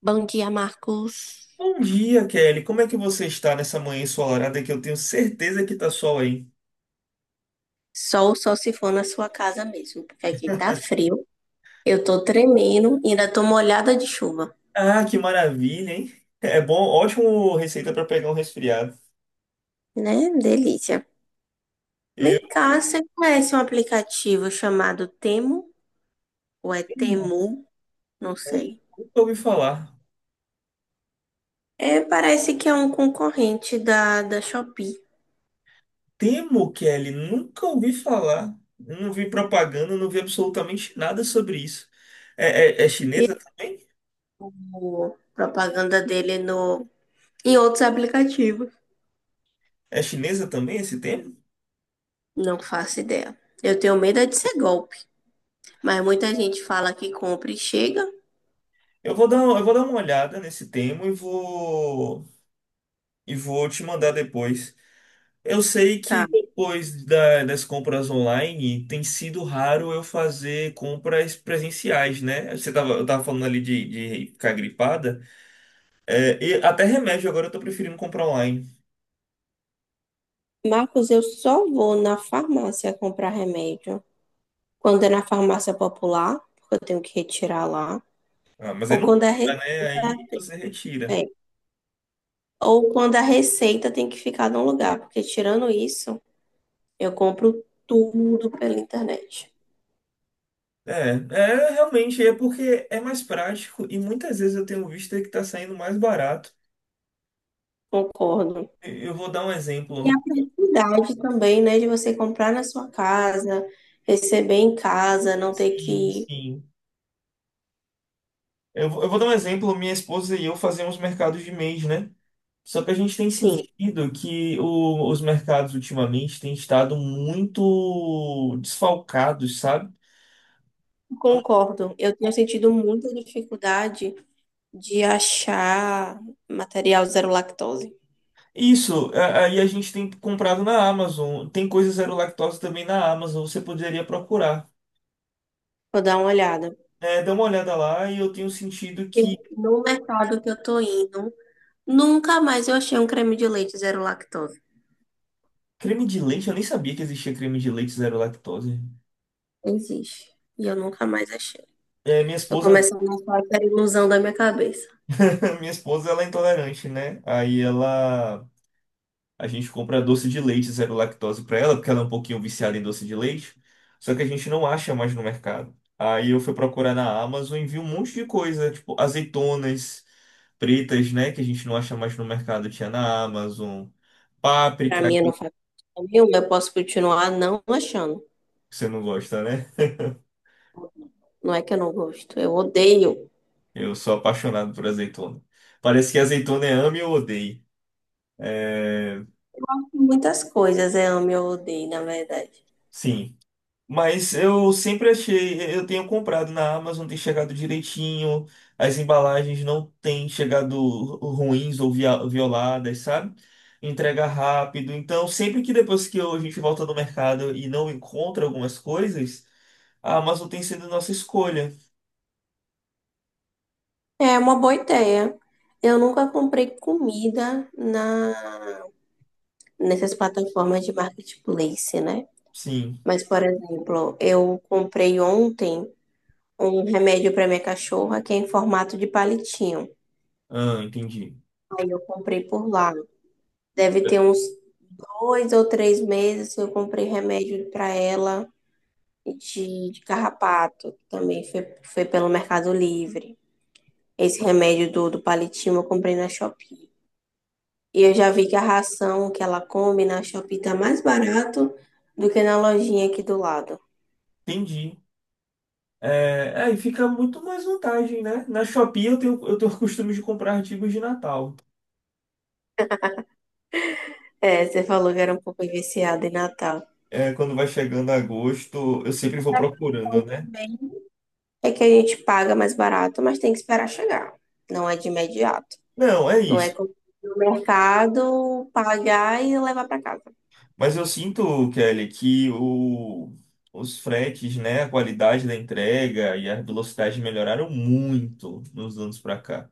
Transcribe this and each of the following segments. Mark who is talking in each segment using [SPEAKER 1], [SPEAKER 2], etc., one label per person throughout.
[SPEAKER 1] Bom dia, Marcos.
[SPEAKER 2] Bom dia, Kelly. Como é que você está nessa manhã ensolarada que eu tenho certeza que tá sol aí?
[SPEAKER 1] Sol, só se for na sua casa mesmo, porque aqui tá frio. Eu tô tremendo, e ainda tô molhada de chuva,
[SPEAKER 2] Ah, que maravilha, hein? É bom, ótimo receita para pegar um resfriado.
[SPEAKER 1] né? Delícia.
[SPEAKER 2] Eu
[SPEAKER 1] Vem cá, você conhece um aplicativo chamado Temu? Ou é
[SPEAKER 2] temo,
[SPEAKER 1] Temu? Não
[SPEAKER 2] eu
[SPEAKER 1] sei.
[SPEAKER 2] nunca ouvi falar.
[SPEAKER 1] É, parece que é um concorrente da Shopee.
[SPEAKER 2] Temo, Kelly, nunca ouvi falar. Não vi propaganda, não vi absolutamente nada sobre isso. É chinesa também?
[SPEAKER 1] Viu propaganda dele no, em outros aplicativos.
[SPEAKER 2] É chinesa também esse tema?
[SPEAKER 1] Não faço ideia. Eu tenho medo é de ser golpe, mas muita gente fala que compra e chega.
[SPEAKER 2] Eu vou dar uma olhada nesse tema e vou te mandar depois. Eu sei que
[SPEAKER 1] Tá.
[SPEAKER 2] depois das compras online tem sido raro eu fazer compras presenciais, né? Eu tava falando ali de ficar gripada. É, e até remédio agora eu tô preferindo comprar online.
[SPEAKER 1] Marcos, eu só vou na farmácia comprar remédio quando é na farmácia popular, porque eu tenho que retirar lá,
[SPEAKER 2] Ah, mas aí
[SPEAKER 1] ou
[SPEAKER 2] não
[SPEAKER 1] quando a
[SPEAKER 2] compra, né?
[SPEAKER 1] receita
[SPEAKER 2] Aí você retira.
[SPEAKER 1] é, ou quando a receita tem que ficar num lugar, porque tirando isso, eu compro tudo pela internet.
[SPEAKER 2] É, é realmente é porque é mais prático e muitas vezes eu tenho visto que tá saindo mais barato.
[SPEAKER 1] Concordo.
[SPEAKER 2] Eu vou dar um
[SPEAKER 1] E a
[SPEAKER 2] exemplo.
[SPEAKER 1] praticidade também, né, de você comprar na sua casa, receber em casa, não ter
[SPEAKER 2] Sim,
[SPEAKER 1] que.
[SPEAKER 2] sim. Eu vou dar um exemplo. Minha esposa e eu fazemos mercados de mês, né? Só que a gente tem
[SPEAKER 1] Sim,
[SPEAKER 2] sentido que os mercados ultimamente têm estado muito desfalcados, sabe? Então,
[SPEAKER 1] concordo. Eu tenho sentido muita dificuldade de achar material zero lactose.
[SPEAKER 2] Isso, aí a gente tem comprado na Amazon. Tem coisa zero lactose também na Amazon, você poderia procurar.
[SPEAKER 1] Vou dar uma olhada.
[SPEAKER 2] É, dá uma olhada lá e eu tenho sentido
[SPEAKER 1] E
[SPEAKER 2] que
[SPEAKER 1] no mercado que eu tô indo, nunca mais eu achei um creme de leite zero lactose.
[SPEAKER 2] creme de leite, eu nem sabia que existia creme de leite zero lactose.
[SPEAKER 1] Existe. E eu nunca mais achei.
[SPEAKER 2] É, minha
[SPEAKER 1] Tô
[SPEAKER 2] esposa,
[SPEAKER 1] começando a achar que era ilusão da minha cabeça.
[SPEAKER 2] minha esposa, ela é intolerante, né? Aí ela a gente compra doce de leite zero lactose para ela, porque ela é um pouquinho viciada em doce de leite. Só que a gente não acha mais no mercado. Aí eu fui procurar na Amazon e vi um monte de coisa, tipo azeitonas pretas, né, que a gente não acha mais no mercado, tinha na Amazon.
[SPEAKER 1] Pra
[SPEAKER 2] Páprica,
[SPEAKER 1] mim, eu
[SPEAKER 2] que
[SPEAKER 1] não faz parte nenhuma. Eu posso continuar não achando.
[SPEAKER 2] você não gosta, né?
[SPEAKER 1] Não é que eu não gosto. Eu odeio.
[SPEAKER 2] Eu sou apaixonado por azeitona. Parece que azeitona é ame ou odeie. É,
[SPEAKER 1] Muitas coisas eu amo e eu odeio, na verdade.
[SPEAKER 2] sim. Mas eu sempre achei, eu tenho comprado na Amazon, tem chegado direitinho, as embalagens não têm chegado ruins ou violadas, sabe? Entrega rápido. Então, sempre que depois que a gente volta no mercado e não encontra algumas coisas, a Amazon tem sido nossa escolha.
[SPEAKER 1] É uma boa ideia. Eu nunca comprei comida na nessas plataformas de marketplace, né?
[SPEAKER 2] Sim.
[SPEAKER 1] Mas, por exemplo, eu comprei ontem um remédio para minha cachorra que é em formato de palitinho.
[SPEAKER 2] Ah, entendi.
[SPEAKER 1] Aí eu comprei por lá. Deve ter uns 2 ou 3 meses que eu comprei remédio para ela de carrapato. Também foi pelo Mercado Livre. Esse remédio do palitinho eu comprei na Shopee. E eu já vi que a ração que ela come na Shopee tá mais barato do que na lojinha aqui do lado.
[SPEAKER 2] Entendi. É, aí fica muito mais vantagem, né? Na Shopee eu tenho o costume de comprar artigos de Natal.
[SPEAKER 1] É, você falou que era um pouco viciada em Natal.
[SPEAKER 2] É, quando vai chegando agosto, eu sempre vou
[SPEAKER 1] Eu
[SPEAKER 2] procurando, né?
[SPEAKER 1] também. É que a gente paga mais barato, mas tem que esperar chegar. Não é de imediato.
[SPEAKER 2] Não, é
[SPEAKER 1] Não é
[SPEAKER 2] isso.
[SPEAKER 1] como no mercado pagar e levar para casa.
[SPEAKER 2] Mas eu sinto, Kelly, que os fretes, né, a qualidade da entrega e a velocidade melhoraram muito nos anos pra cá.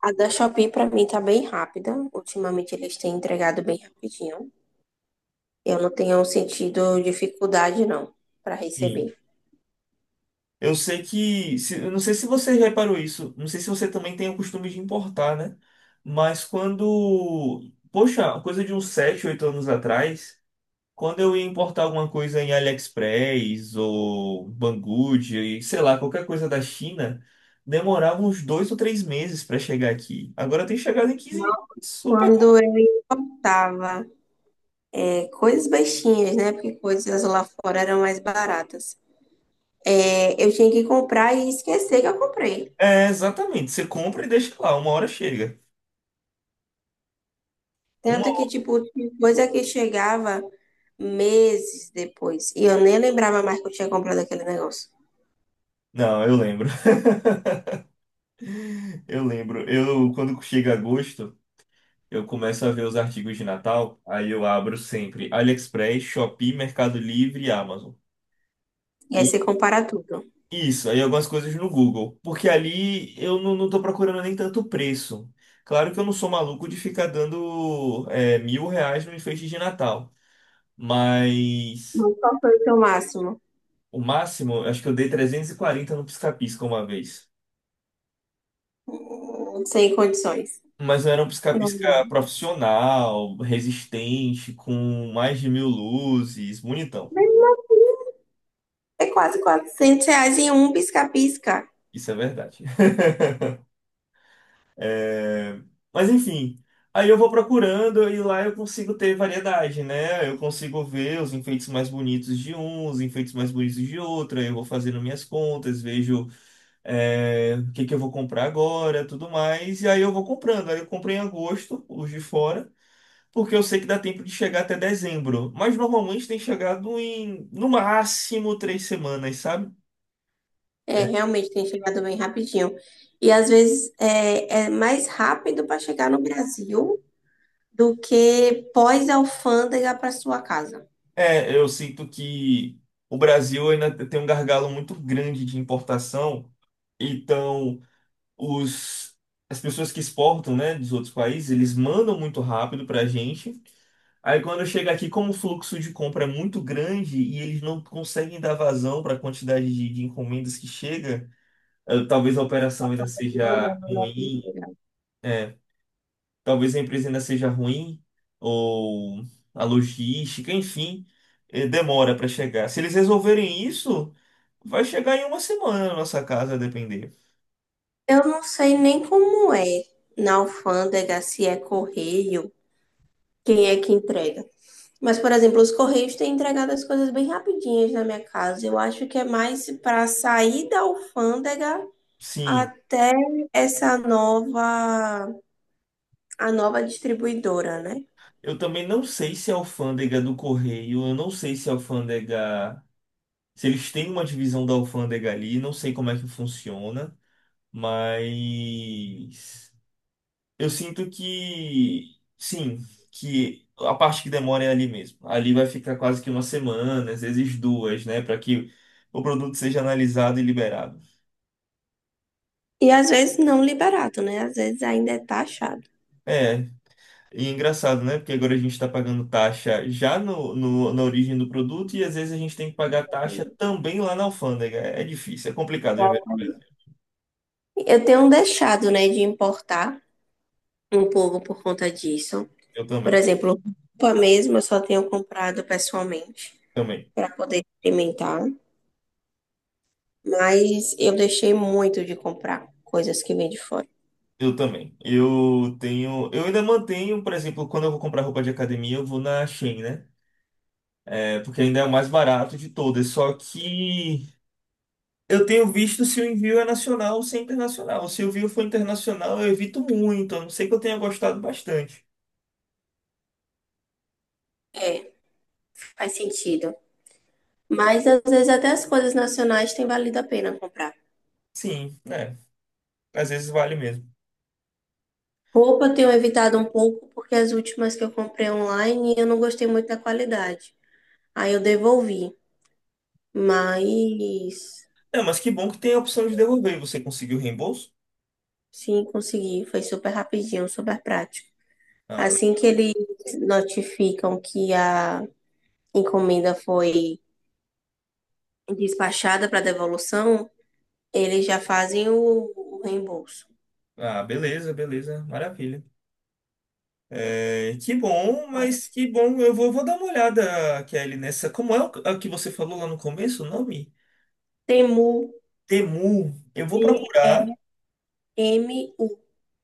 [SPEAKER 1] A da Shopee para mim tá bem rápida. Ultimamente eles têm entregado bem rapidinho. Eu não tenho sentido dificuldade não para
[SPEAKER 2] Sim.
[SPEAKER 1] receber.
[SPEAKER 2] Eu sei que, eu não sei se você reparou isso, não sei se você também tem o costume de importar, né? Mas quando, poxa, coisa de uns 7, 8 anos atrás, quando eu ia importar alguma coisa em AliExpress ou Banggood, e sei lá, qualquer coisa da China, demorava uns 2 ou 3 meses para chegar aqui. Agora tem chegado em 15 dias. Super.
[SPEAKER 1] Quando eu tava coisas baixinhas, né? Porque coisas lá fora eram mais baratas. É, eu tinha que comprar e esquecer que eu comprei.
[SPEAKER 2] É, exatamente. Você compra e deixa lá, uma hora chega.
[SPEAKER 1] Tanto que,
[SPEAKER 2] Uma...
[SPEAKER 1] tipo, tinha coisa que chegava meses depois. E eu nem lembrava mais que eu tinha comprado aquele negócio.
[SPEAKER 2] Não, eu lembro. Eu lembro. Quando chega agosto, eu começo a ver os artigos de Natal, aí eu abro sempre AliExpress, Shopee, Mercado Livre e Amazon.
[SPEAKER 1] E aí você compara tudo.
[SPEAKER 2] Isso, aí algumas coisas no Google. Porque ali eu não tô procurando nem tanto preço. Claro que eu não sou maluco de ficar dando R$ 1.000 no enfeite de Natal. Mas
[SPEAKER 1] Mas qual foi o seu máximo?
[SPEAKER 2] o máximo, eu acho que eu dei 340 no pisca-pisca uma vez.
[SPEAKER 1] Hum. Sem condições.
[SPEAKER 2] Mas não era um
[SPEAKER 1] Não,
[SPEAKER 2] pisca-pisca
[SPEAKER 1] não.
[SPEAKER 2] profissional, resistente, com mais de 1.000 luzes, bonitão.
[SPEAKER 1] É quase R$ 400 em um pisca-pisca.
[SPEAKER 2] Isso é verdade. É, mas enfim, aí eu vou procurando e lá eu consigo ter variedade, né? Eu consigo ver os enfeites mais bonitos de um, os enfeites mais bonitos de outro. Aí eu vou fazendo minhas contas, vejo o que que eu vou comprar agora, tudo mais. E aí eu vou comprando. Aí eu comprei em agosto, os de fora, porque eu sei que dá tempo de chegar até dezembro. Mas normalmente tem chegado em, no máximo, 3 semanas, sabe?
[SPEAKER 1] É, realmente tem chegado bem rapidinho. E às vezes é mais rápido para chegar no Brasil do que pós-alfândega para sua casa.
[SPEAKER 2] É, eu sinto que o Brasil ainda tem um gargalo muito grande de importação. Então, os, as pessoas que exportam, né, dos outros países, eles mandam muito rápido para a gente. Aí, quando chega aqui, como o fluxo de compra é muito grande e eles não conseguem dar vazão para a quantidade de encomendas que chega, talvez a operação ainda seja ruim, é, talvez a empresa ainda seja ruim, ou a logística, enfim, demora para chegar. Se eles resolverem isso, vai chegar em uma semana na nossa casa, a depender.
[SPEAKER 1] Eu não sei nem como é na alfândega, se é correio, quem é que entrega. Mas, por exemplo, os correios têm entregado as coisas bem rapidinhas na minha casa. Eu acho que é mais para sair da alfândega
[SPEAKER 2] Sim.
[SPEAKER 1] até essa nova, a nova distribuidora, né?
[SPEAKER 2] Eu também não sei se a alfândega do correio, eu não sei se a alfândega. Se eles têm uma divisão da alfândega ali, não sei como é que funciona, mas. Eu sinto que. Sim, que a parte que demora é ali mesmo. Ali vai ficar quase que uma semana, às vezes duas, né, para que o produto seja analisado e liberado.
[SPEAKER 1] E às vezes não liberado, né? Às vezes ainda é taxado.
[SPEAKER 2] É, e é engraçado, né? Porque agora a gente está pagando taxa já na origem do produto e às vezes a gente tem que pagar taxa também lá na alfândega. É difícil, é complicado.
[SPEAKER 1] Eu tenho deixado, né, de importar um pouco por conta disso.
[SPEAKER 2] Eu
[SPEAKER 1] Por
[SPEAKER 2] também,
[SPEAKER 1] exemplo, roupa mesmo eu só tenho comprado pessoalmente
[SPEAKER 2] também,
[SPEAKER 1] para poder experimentar, mas eu deixei muito de comprar coisas que vêm de fora.
[SPEAKER 2] eu também. Eu ainda mantenho, por exemplo, quando eu vou comprar roupa de academia, eu vou na Shein, né? É, porque ainda é o mais barato de todas. Só que eu tenho visto se o envio é nacional ou se é internacional. Se o envio for internacional, eu evito muito, a não ser que eu tenha gostado bastante.
[SPEAKER 1] É, faz sentido. Mas às vezes até as coisas nacionais tem valido a pena comprar.
[SPEAKER 2] Sim, né? Às vezes vale mesmo.
[SPEAKER 1] Roupa eu tenho evitado um pouco porque as últimas que eu comprei online eu não gostei muito da qualidade. Aí eu devolvi, mas
[SPEAKER 2] É, mas que bom que tem a opção de devolver. Você conseguiu o reembolso?
[SPEAKER 1] sim, consegui, foi super rapidinho, super prático.
[SPEAKER 2] Ah,
[SPEAKER 1] Assim que eles notificam que a encomenda foi despachada para devolução, eles já fazem o reembolso.
[SPEAKER 2] ah, beleza, beleza, maravilha. É, que bom,
[SPEAKER 1] Então,
[SPEAKER 2] mas que bom. Eu vou dar uma olhada, Kelly, nessa. Como é o a que você falou lá no começo, o nome?
[SPEAKER 1] Temu,
[SPEAKER 2] Temu.
[SPEAKER 1] Temu.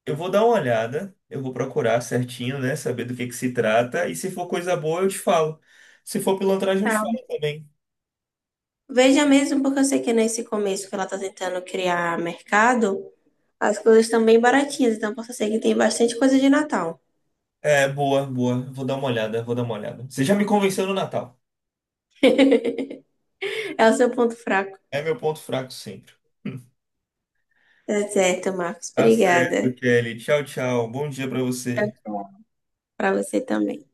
[SPEAKER 2] Eu vou dar uma olhada, eu vou procurar certinho, né? Saber do que se trata. E se for coisa boa, eu te falo. Se for pilantragem, eu te
[SPEAKER 1] Tá?
[SPEAKER 2] falo também.
[SPEAKER 1] Veja mesmo, porque eu sei que é nesse começo que ela está tentando criar mercado, as coisas estão bem baratinhas, então posso ser que tem bastante coisa de Natal.
[SPEAKER 2] É, boa, boa. Vou dar uma olhada. Você já me convenceu no Natal.
[SPEAKER 1] É o seu ponto fraco.
[SPEAKER 2] É meu ponto fraco sempre.
[SPEAKER 1] Tá certo, Marcos.
[SPEAKER 2] Tá certo,
[SPEAKER 1] Obrigada.
[SPEAKER 2] Kelly. Tchau, tchau. Bom dia pra você.
[SPEAKER 1] Para você também.